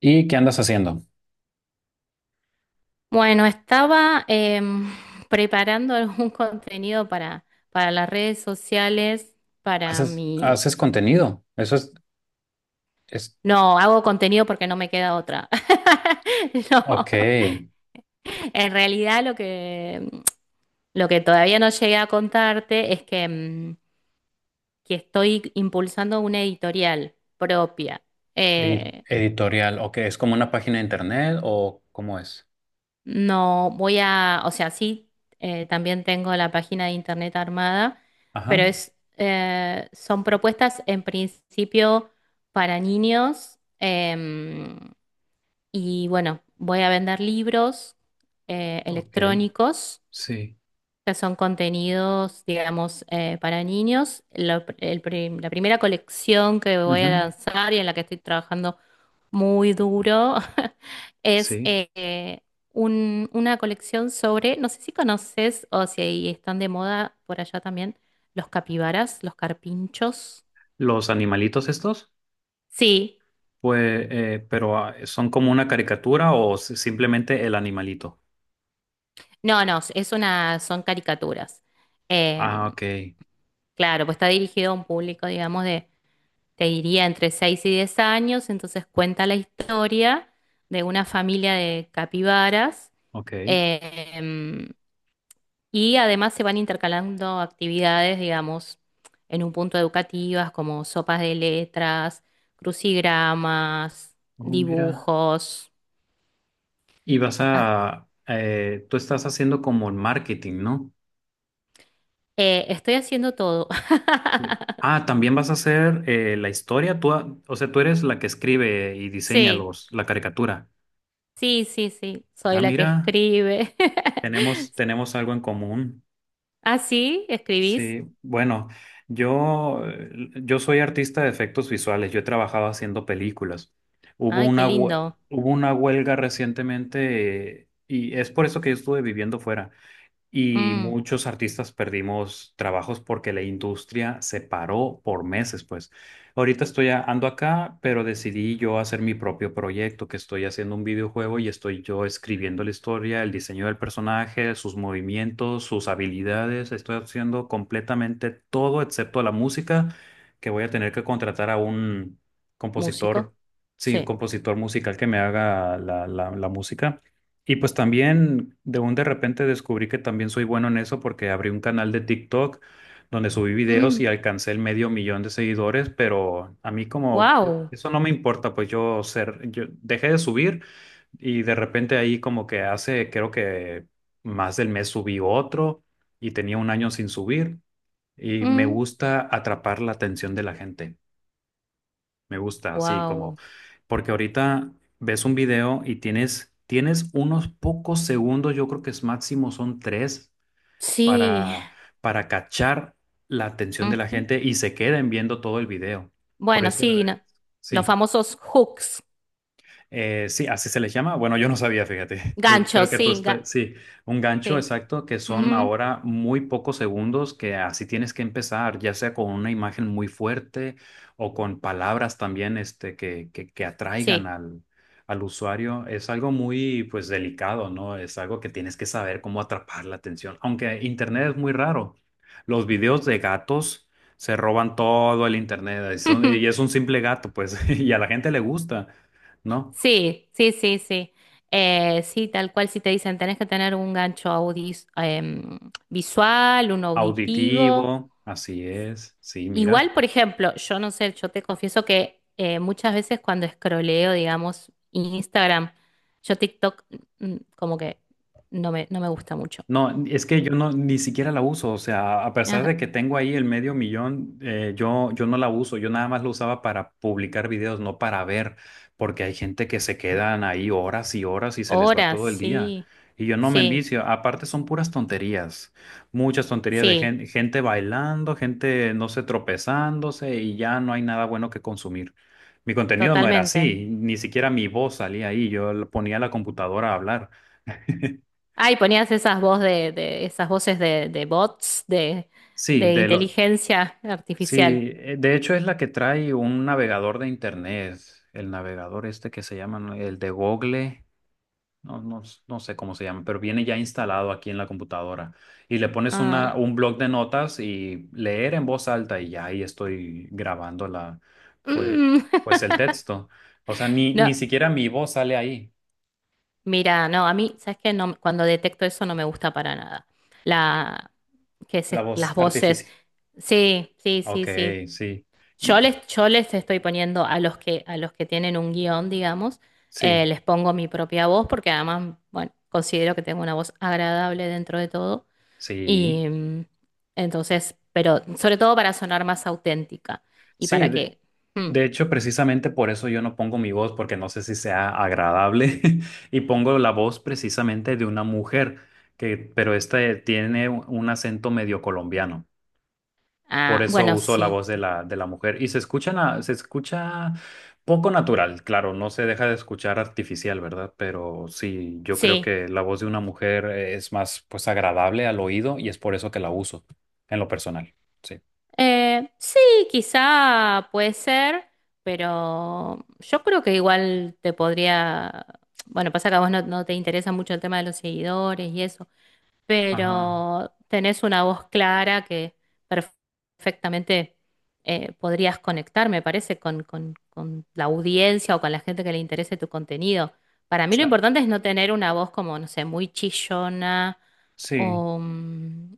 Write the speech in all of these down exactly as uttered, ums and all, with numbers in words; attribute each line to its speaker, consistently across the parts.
Speaker 1: ¿Y qué andas haciendo?
Speaker 2: Bueno, estaba em, preparando algún contenido para, para las redes sociales, para
Speaker 1: ¿Haces,
Speaker 2: mi...
Speaker 1: haces contenido? Eso es, es,
Speaker 2: No, hago contenido porque no me queda otra. No,
Speaker 1: ok.
Speaker 2: en realidad lo que, lo que todavía no llegué a contarte es que, em, que estoy impulsando una editorial propia.
Speaker 1: Edi-
Speaker 2: Eh,
Speaker 1: editorial, ok, ¿es como una página de internet o cómo es?
Speaker 2: No, voy a, o sea, sí, eh, también tengo la página de internet armada,
Speaker 1: Ajá,
Speaker 2: pero es, eh, son propuestas en principio para niños em, y bueno, voy a vender libros eh,
Speaker 1: ok,
Speaker 2: electrónicos
Speaker 1: sí,
Speaker 2: que son contenidos, digamos, eh, para niños. Lo- el prim- la primera colección que voy a
Speaker 1: ujú,
Speaker 2: lanzar y en la que estoy trabajando muy duro. Es
Speaker 1: sí.
Speaker 2: eh, eh, un- una colección sobre, no sé si conoces o si ahí están de moda por allá también, los capibaras, los carpinchos.
Speaker 1: ¿Los animalitos estos?
Speaker 2: Sí,
Speaker 1: Pues, eh, pero ah, ¿son como una caricatura o s- simplemente el animalito?
Speaker 2: no, no, es una, son caricaturas. Em,
Speaker 1: Ah, ok,
Speaker 2: claro, pues está dirigido a un público, digamos, de, te diría, entre seis y diez años, entonces cuenta la historia de una familia de capibaras.
Speaker 1: ok.
Speaker 2: em, Y además se van intercalando actividades, digamos, en un punto educativas como sopas de letras, crucigramas,
Speaker 1: Oh, mira.
Speaker 2: dibujos.
Speaker 1: Y vas
Speaker 2: Ah,
Speaker 1: a, eh, tú estás haciendo como el marketing, ¿no?
Speaker 2: eh, estoy haciendo todo.
Speaker 1: Ah, también vas a hacer eh, la historia. Tú, a- o sea, tú eres la que escribe y diseña
Speaker 2: Sí,
Speaker 1: los, la caricatura.
Speaker 2: sí, sí, sí. Soy
Speaker 1: Ah,
Speaker 2: la que
Speaker 1: mira,
Speaker 2: escribe.
Speaker 1: tenemos, tenemos algo en común.
Speaker 2: ¿Ah, sí? ¿Escribís?
Speaker 1: Sí, bueno, yo, eh, yo soy artista de efectos visuales. Yo he trabajado haciendo películas. Hubo
Speaker 2: Ay, qué
Speaker 1: una, hue-
Speaker 2: lindo.
Speaker 1: Hubo una huelga recientemente eh, y es por eso que yo estuve viviendo fuera. Y
Speaker 2: Mm,
Speaker 1: muchos artistas perdimos trabajos porque la industria se paró por meses, pues. Ahorita estoy a- ando acá, pero decidí yo hacer mi propio proyecto, que estoy haciendo un videojuego y estoy yo escribiendo la historia, el diseño del personaje, sus movimientos, sus habilidades. Estoy haciendo completamente todo excepto la música, que voy a tener que contratar a un
Speaker 2: músico.
Speaker 1: compositor, sí,
Speaker 2: Sí.
Speaker 1: compositor musical que me haga la la- la música. Y pues también de un de repente descubrí que también soy bueno en eso porque abrí un canal de TikTok donde subí videos
Speaker 2: Mm,
Speaker 1: y alcancé el medio millón de seguidores, pero a mí como eh,
Speaker 2: wow.
Speaker 1: eso no me importa, pues yo ser, yo dejé de subir y de repente ahí como que hace, creo que más del mes subí otro y tenía un año sin subir y me
Speaker 2: Mm,
Speaker 1: gusta atrapar la atención de la gente. Me gusta, sí, como
Speaker 2: wow.
Speaker 1: porque ahorita ves un video y tienes, tienes unos pocos segundos, yo creo que es máximo son tres,
Speaker 2: Sí.
Speaker 1: para, para cachar la atención de la
Speaker 2: Ujú.
Speaker 1: gente y se queden viendo todo el video. Por
Speaker 2: Bueno,
Speaker 1: eso, eh,
Speaker 2: sí, no- los
Speaker 1: sí.
Speaker 2: famosos hooks.
Speaker 1: Eh, sí, así se les llama. Bueno, yo no sabía, fíjate. Creo,
Speaker 2: Gancho,
Speaker 1: creo que tú
Speaker 2: sí, ga-
Speaker 1: estás, sí, un gancho
Speaker 2: sí.
Speaker 1: exacto que son
Speaker 2: Ujú,
Speaker 1: ahora muy pocos segundos que así tienes que empezar, ya sea con una imagen muy fuerte o con palabras también este, que, que, que atraigan
Speaker 2: sí.
Speaker 1: al, al usuario. Es algo muy, pues, delicado, ¿no? Es algo que tienes que saber cómo atrapar la atención, aunque Internet es muy raro. Los videos de gatos. Se roban todo el internet y son- y
Speaker 2: Ujú,
Speaker 1: es un simple gato, pues, y a la gente le gusta. ¿No?
Speaker 2: sí, sí, sí, sí. Eh, sí, tal cual si te dicen, tenés que tener un gancho audis- em, visual, un auditivo.
Speaker 1: Auditivo, así es. Sí, mira.
Speaker 2: Igual, por ejemplo, yo no sé, yo te confieso que eh, muchas veces cuando escroleo, digamos, Instagram, yo TikTok mm, como que no me, no me gusta mucho.
Speaker 1: No, es que yo no ni siquiera la uso, o sea, a pesar
Speaker 2: Ah,
Speaker 1: de que tengo ahí el medio millón, eh, yo, yo no la uso, yo nada más lo usaba para publicar videos, no para ver, porque hay gente que se quedan ahí horas y horas y se les va
Speaker 2: horas,
Speaker 1: todo el día.
Speaker 2: sí,
Speaker 1: Y yo no me
Speaker 2: sí,
Speaker 1: envicio, aparte son puras tonterías, muchas tonterías de
Speaker 2: sí,
Speaker 1: gen- gente bailando, gente, no sé, tropezándose y ya no hay nada bueno que consumir. Mi contenido no era
Speaker 2: totalmente.
Speaker 1: así, ni siquiera mi voz salía ahí, yo lo ponía a la computadora a hablar.
Speaker 2: Ay, ponías esas voz de, de- esas voces de, de bots de,
Speaker 1: Sí,
Speaker 2: de
Speaker 1: de lo,
Speaker 2: inteligencia artificial.
Speaker 1: Sí, eh, de hecho es la que trae un navegador de internet, el navegador este que se llama, ¿no? El de Google, no, no, s- no sé cómo se llama, pero viene ya instalado aquí en la computadora. Y le pones una,
Speaker 2: Ah,
Speaker 1: un blog de notas y leer en voz alta y ya ahí estoy grabando la, pues,
Speaker 2: mm.
Speaker 1: pues el texto. O sea, ni, ni
Speaker 2: No,
Speaker 1: siquiera mi voz sale ahí,
Speaker 2: mira, no, a mí, ¿sabes qué? No, cuando detecto eso no me gusta para nada. La, que
Speaker 1: la
Speaker 2: se-
Speaker 1: voz
Speaker 2: las voces.
Speaker 1: artificial.
Speaker 2: Sí, sí, sí,
Speaker 1: Ok,
Speaker 2: sí.
Speaker 1: sí.
Speaker 2: Yo
Speaker 1: Y,
Speaker 2: les, yo les estoy poniendo a los que, a los que tienen un guión, digamos, eh,
Speaker 1: sí,
Speaker 2: les pongo mi propia voz porque además, bueno, considero que tengo una voz agradable dentro de todo.
Speaker 1: sí.
Speaker 2: Y mm, entonces, pero sobre todo para sonar más auténtica y
Speaker 1: Sí,
Speaker 2: para
Speaker 1: de,
Speaker 2: que... mm,
Speaker 1: de hecho, precisamente por eso yo no pongo mi voz, porque no sé si sea agradable, y pongo la voz precisamente de una mujer, que, pero esta tiene un un acento medio colombiano. Por
Speaker 2: ah,
Speaker 1: eso
Speaker 2: bueno,
Speaker 1: uso la
Speaker 2: sí,
Speaker 1: voz de la, de la mujer. Y se escucha, na- se escucha poco natural, claro, no se deja de escuchar artificial, ¿verdad? Pero sí, yo creo
Speaker 2: sí.
Speaker 1: que la voz de una mujer es más, pues, agradable al oído y es por eso que la uso en lo personal. Sí.
Speaker 2: Eh, sí, quizá puede ser, pero yo creo que igual te podría. Bueno, pasa que a vos no, no te interesa mucho el tema de los seguidores y eso,
Speaker 1: Ajá. O
Speaker 2: pero tenés una voz clara que perf- perfectamente eh, podrías conectar, me parece, con, con- con la audiencia o con la gente que le interese tu contenido. Para mí lo
Speaker 1: sea,
Speaker 2: importante es no tener una voz como, no sé, muy chillona
Speaker 1: sí,
Speaker 2: o, mm,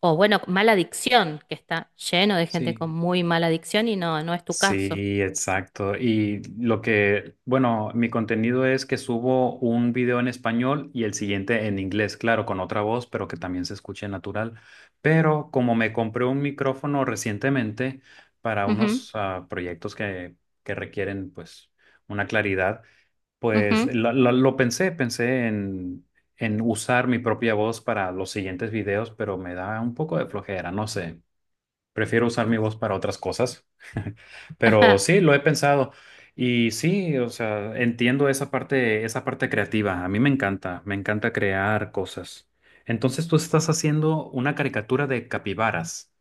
Speaker 2: o bueno, mala dicción, que está lleno de gente
Speaker 1: sí.
Speaker 2: con muy mala dicción y no, no es tu caso.
Speaker 1: Sí, exacto. Y lo que, bueno, mi contenido es que subo un video en español y el siguiente en inglés, claro, con otra voz, pero que también se escuche natural. Pero como me compré un micrófono recientemente para
Speaker 2: Ujú,
Speaker 1: unos ah, proyectos que, que requieren, pues, una claridad, pues
Speaker 2: ujú,
Speaker 1: lo, lo- lo pensé, pensé en, en usar mi propia voz para los siguientes videos, pero me da un poco de flojera, no sé. Prefiero usar mi voz para otras cosas, pero
Speaker 2: ajá.
Speaker 1: sí, lo he pensado. Y sí, o sea, entiendo esa parte, esa parte creativa. A mí me encanta, me encanta crear cosas. Entonces tú estás haciendo una caricatura de capibaras,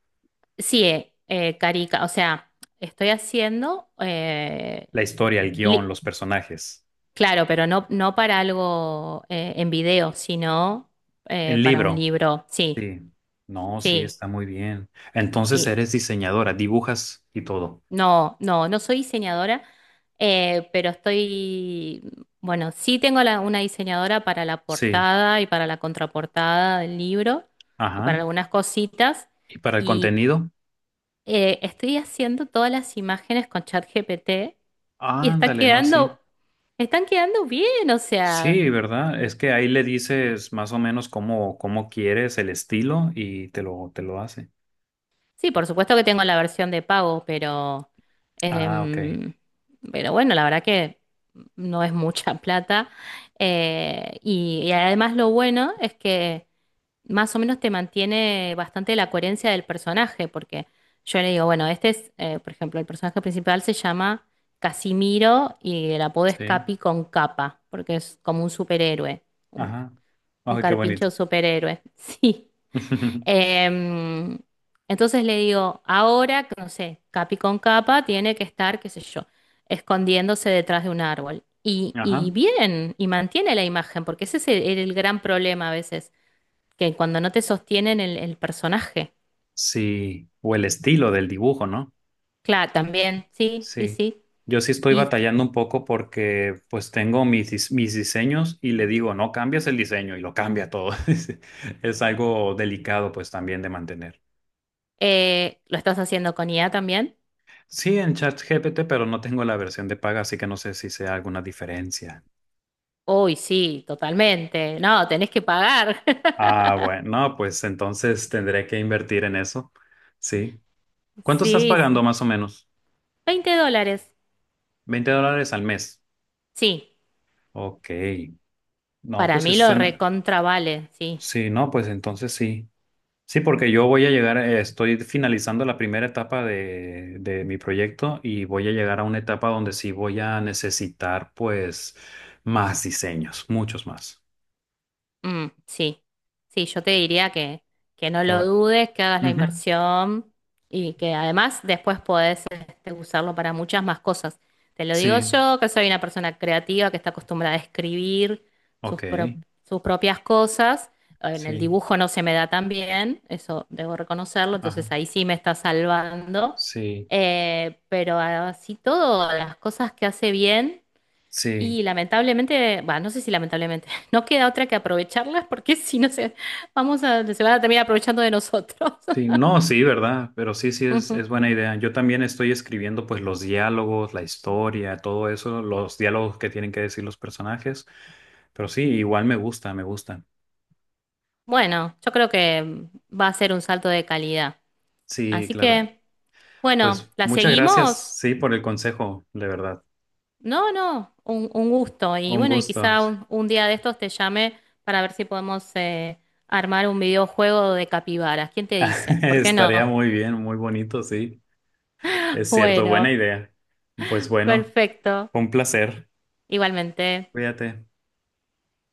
Speaker 2: Sí, eh, eh, Carica, o sea, estoy haciendo eh,
Speaker 1: la historia, el guión,
Speaker 2: li-
Speaker 1: los personajes,
Speaker 2: Claro, pero no, no para algo eh, en video, sino eh,
Speaker 1: en
Speaker 2: para un
Speaker 1: libro.
Speaker 2: libro. Sí,
Speaker 1: Sí, no, sí,
Speaker 2: sí.
Speaker 1: está muy bien. Entonces
Speaker 2: Y
Speaker 1: eres diseñadora, dibujas y todo.
Speaker 2: no, no, no soy diseñadora, eh, pero estoy, bueno, sí tengo la- una diseñadora para la
Speaker 1: Sí,
Speaker 2: portada y para la contraportada del libro y para
Speaker 1: ajá.
Speaker 2: algunas cositas.
Speaker 1: ¿Y para el
Speaker 2: Y
Speaker 1: contenido?
Speaker 2: eh, estoy haciendo todas las imágenes con ChatGPT y está
Speaker 1: Ándale, no, sí.
Speaker 2: quedando, están quedando bien, o sea.
Speaker 1: Sí, ¿verdad? Es que ahí le dices más o menos cómo, cómo quieres el estilo y te lo, te lo hace.
Speaker 2: Sí, por supuesto que tengo la versión de pago, pero,
Speaker 1: Ah, ok.
Speaker 2: em, pero bueno, la verdad que no es mucha plata. Eh, y, y además lo bueno es que más o menos te mantiene bastante la coherencia del personaje, porque yo le digo, bueno, este es, eh, por ejemplo, el personaje principal se llama Casimiro y el apodo es
Speaker 1: Sí.
Speaker 2: Capi con capa, porque es como un superhéroe, un,
Speaker 1: Ajá.
Speaker 2: un
Speaker 1: Ay, qué
Speaker 2: carpincho
Speaker 1: bonito.
Speaker 2: superhéroe. Sí. Em, entonces le digo, ahora, que no sé, capi con capa tiene que estar, qué sé yo, escondiéndose detrás de un árbol. Y,
Speaker 1: Ajá.
Speaker 2: y bien, y mantiene la imagen, porque ese es el, el gran problema a veces, que cuando no te sostienen el, el personaje.
Speaker 1: Sí. ¿O el estilo del dibujo, no?
Speaker 2: Claro, también, sí, sí,
Speaker 1: Sí.
Speaker 2: sí.
Speaker 1: Yo sí estoy
Speaker 2: ¿Y
Speaker 1: batallando un poco porque pues tengo mis, dis- mis diseños y le digo, no cambias el diseño y lo cambia todo. Es es algo delicado pues también de mantener.
Speaker 2: eh, lo estás haciendo con I A también?
Speaker 1: Sí, en ChatGPT, pero no tengo la versión de paga, así que no sé si sea alguna diferencia.
Speaker 2: Uy, sí, totalmente. No, tenés que pagar.
Speaker 1: Ah, bueno, no, pues entonces tendré que invertir en eso. Sí. ¿Cuánto estás
Speaker 2: Sí,
Speaker 1: pagando
Speaker 2: sí.
Speaker 1: más o menos?
Speaker 2: Veinte dólares.
Speaker 1: Veinte dólares al mes.
Speaker 2: Sí,
Speaker 1: Ok. No,
Speaker 2: para
Speaker 1: pues
Speaker 2: mí
Speaker 1: eso
Speaker 2: lo
Speaker 1: suena.
Speaker 2: recontra vale, sí.
Speaker 1: Sí, no, pues entonces sí. Sí, porque yo voy a llegar, eh, estoy finalizando la primera etapa de, de mi proyecto y voy a llegar a una etapa donde sí voy a necesitar, pues, más diseños, muchos más.
Speaker 2: Mm, sí, sí, yo te diría que, que no
Speaker 1: ¿Qué
Speaker 2: lo
Speaker 1: va?
Speaker 2: dudes, que hagas la
Speaker 1: Ujú.
Speaker 2: inversión y que además después podés este, usarlo para muchas más cosas. Te lo digo
Speaker 1: Sí,
Speaker 2: yo, que soy una persona creativa que está acostumbrada a escribir sus,
Speaker 1: ok.
Speaker 2: pro- sus propias cosas. En el
Speaker 1: Sí,
Speaker 2: dibujo no se me da tan bien, eso debo reconocerlo,
Speaker 1: ajá.
Speaker 2: entonces ahí sí me está salvando.
Speaker 1: Sí,
Speaker 2: Eh, pero así todo, las cosas que hace bien.
Speaker 1: sí.
Speaker 2: Y lamentablemente, bah, no sé si lamentablemente, no queda otra que aprovecharlas porque si no se, vamos a, se van a terminar aprovechando de nosotros.
Speaker 1: Sí, no, sí, verdad, pero sí, sí es,
Speaker 2: Ujú.
Speaker 1: es buena idea. Yo también estoy escribiendo pues los diálogos, la historia, todo eso, los diálogos que tienen que decir los personajes, pero sí, igual me gusta, me gusta.
Speaker 2: Bueno, yo creo que va a ser un salto de calidad.
Speaker 1: Sí,
Speaker 2: Así
Speaker 1: claro.
Speaker 2: que, bueno,
Speaker 1: Pues
Speaker 2: ¿la
Speaker 1: muchas gracias,
Speaker 2: seguimos?
Speaker 1: sí, por el consejo, de verdad.
Speaker 2: No, no, un, un gusto. Y
Speaker 1: Un
Speaker 2: bueno, y
Speaker 1: gusto.
Speaker 2: quizá un, un día de estos te llame para ver si podemos eh, armar un videojuego de capibaras. ¿Quién te dice? ¿Por qué no?
Speaker 1: Estaría muy bien, muy bonito, sí. Es cierto, buena
Speaker 2: Bueno,
Speaker 1: idea. Pues bueno,
Speaker 2: perfecto.
Speaker 1: fue un placer.
Speaker 2: Igualmente.
Speaker 1: Cuídate.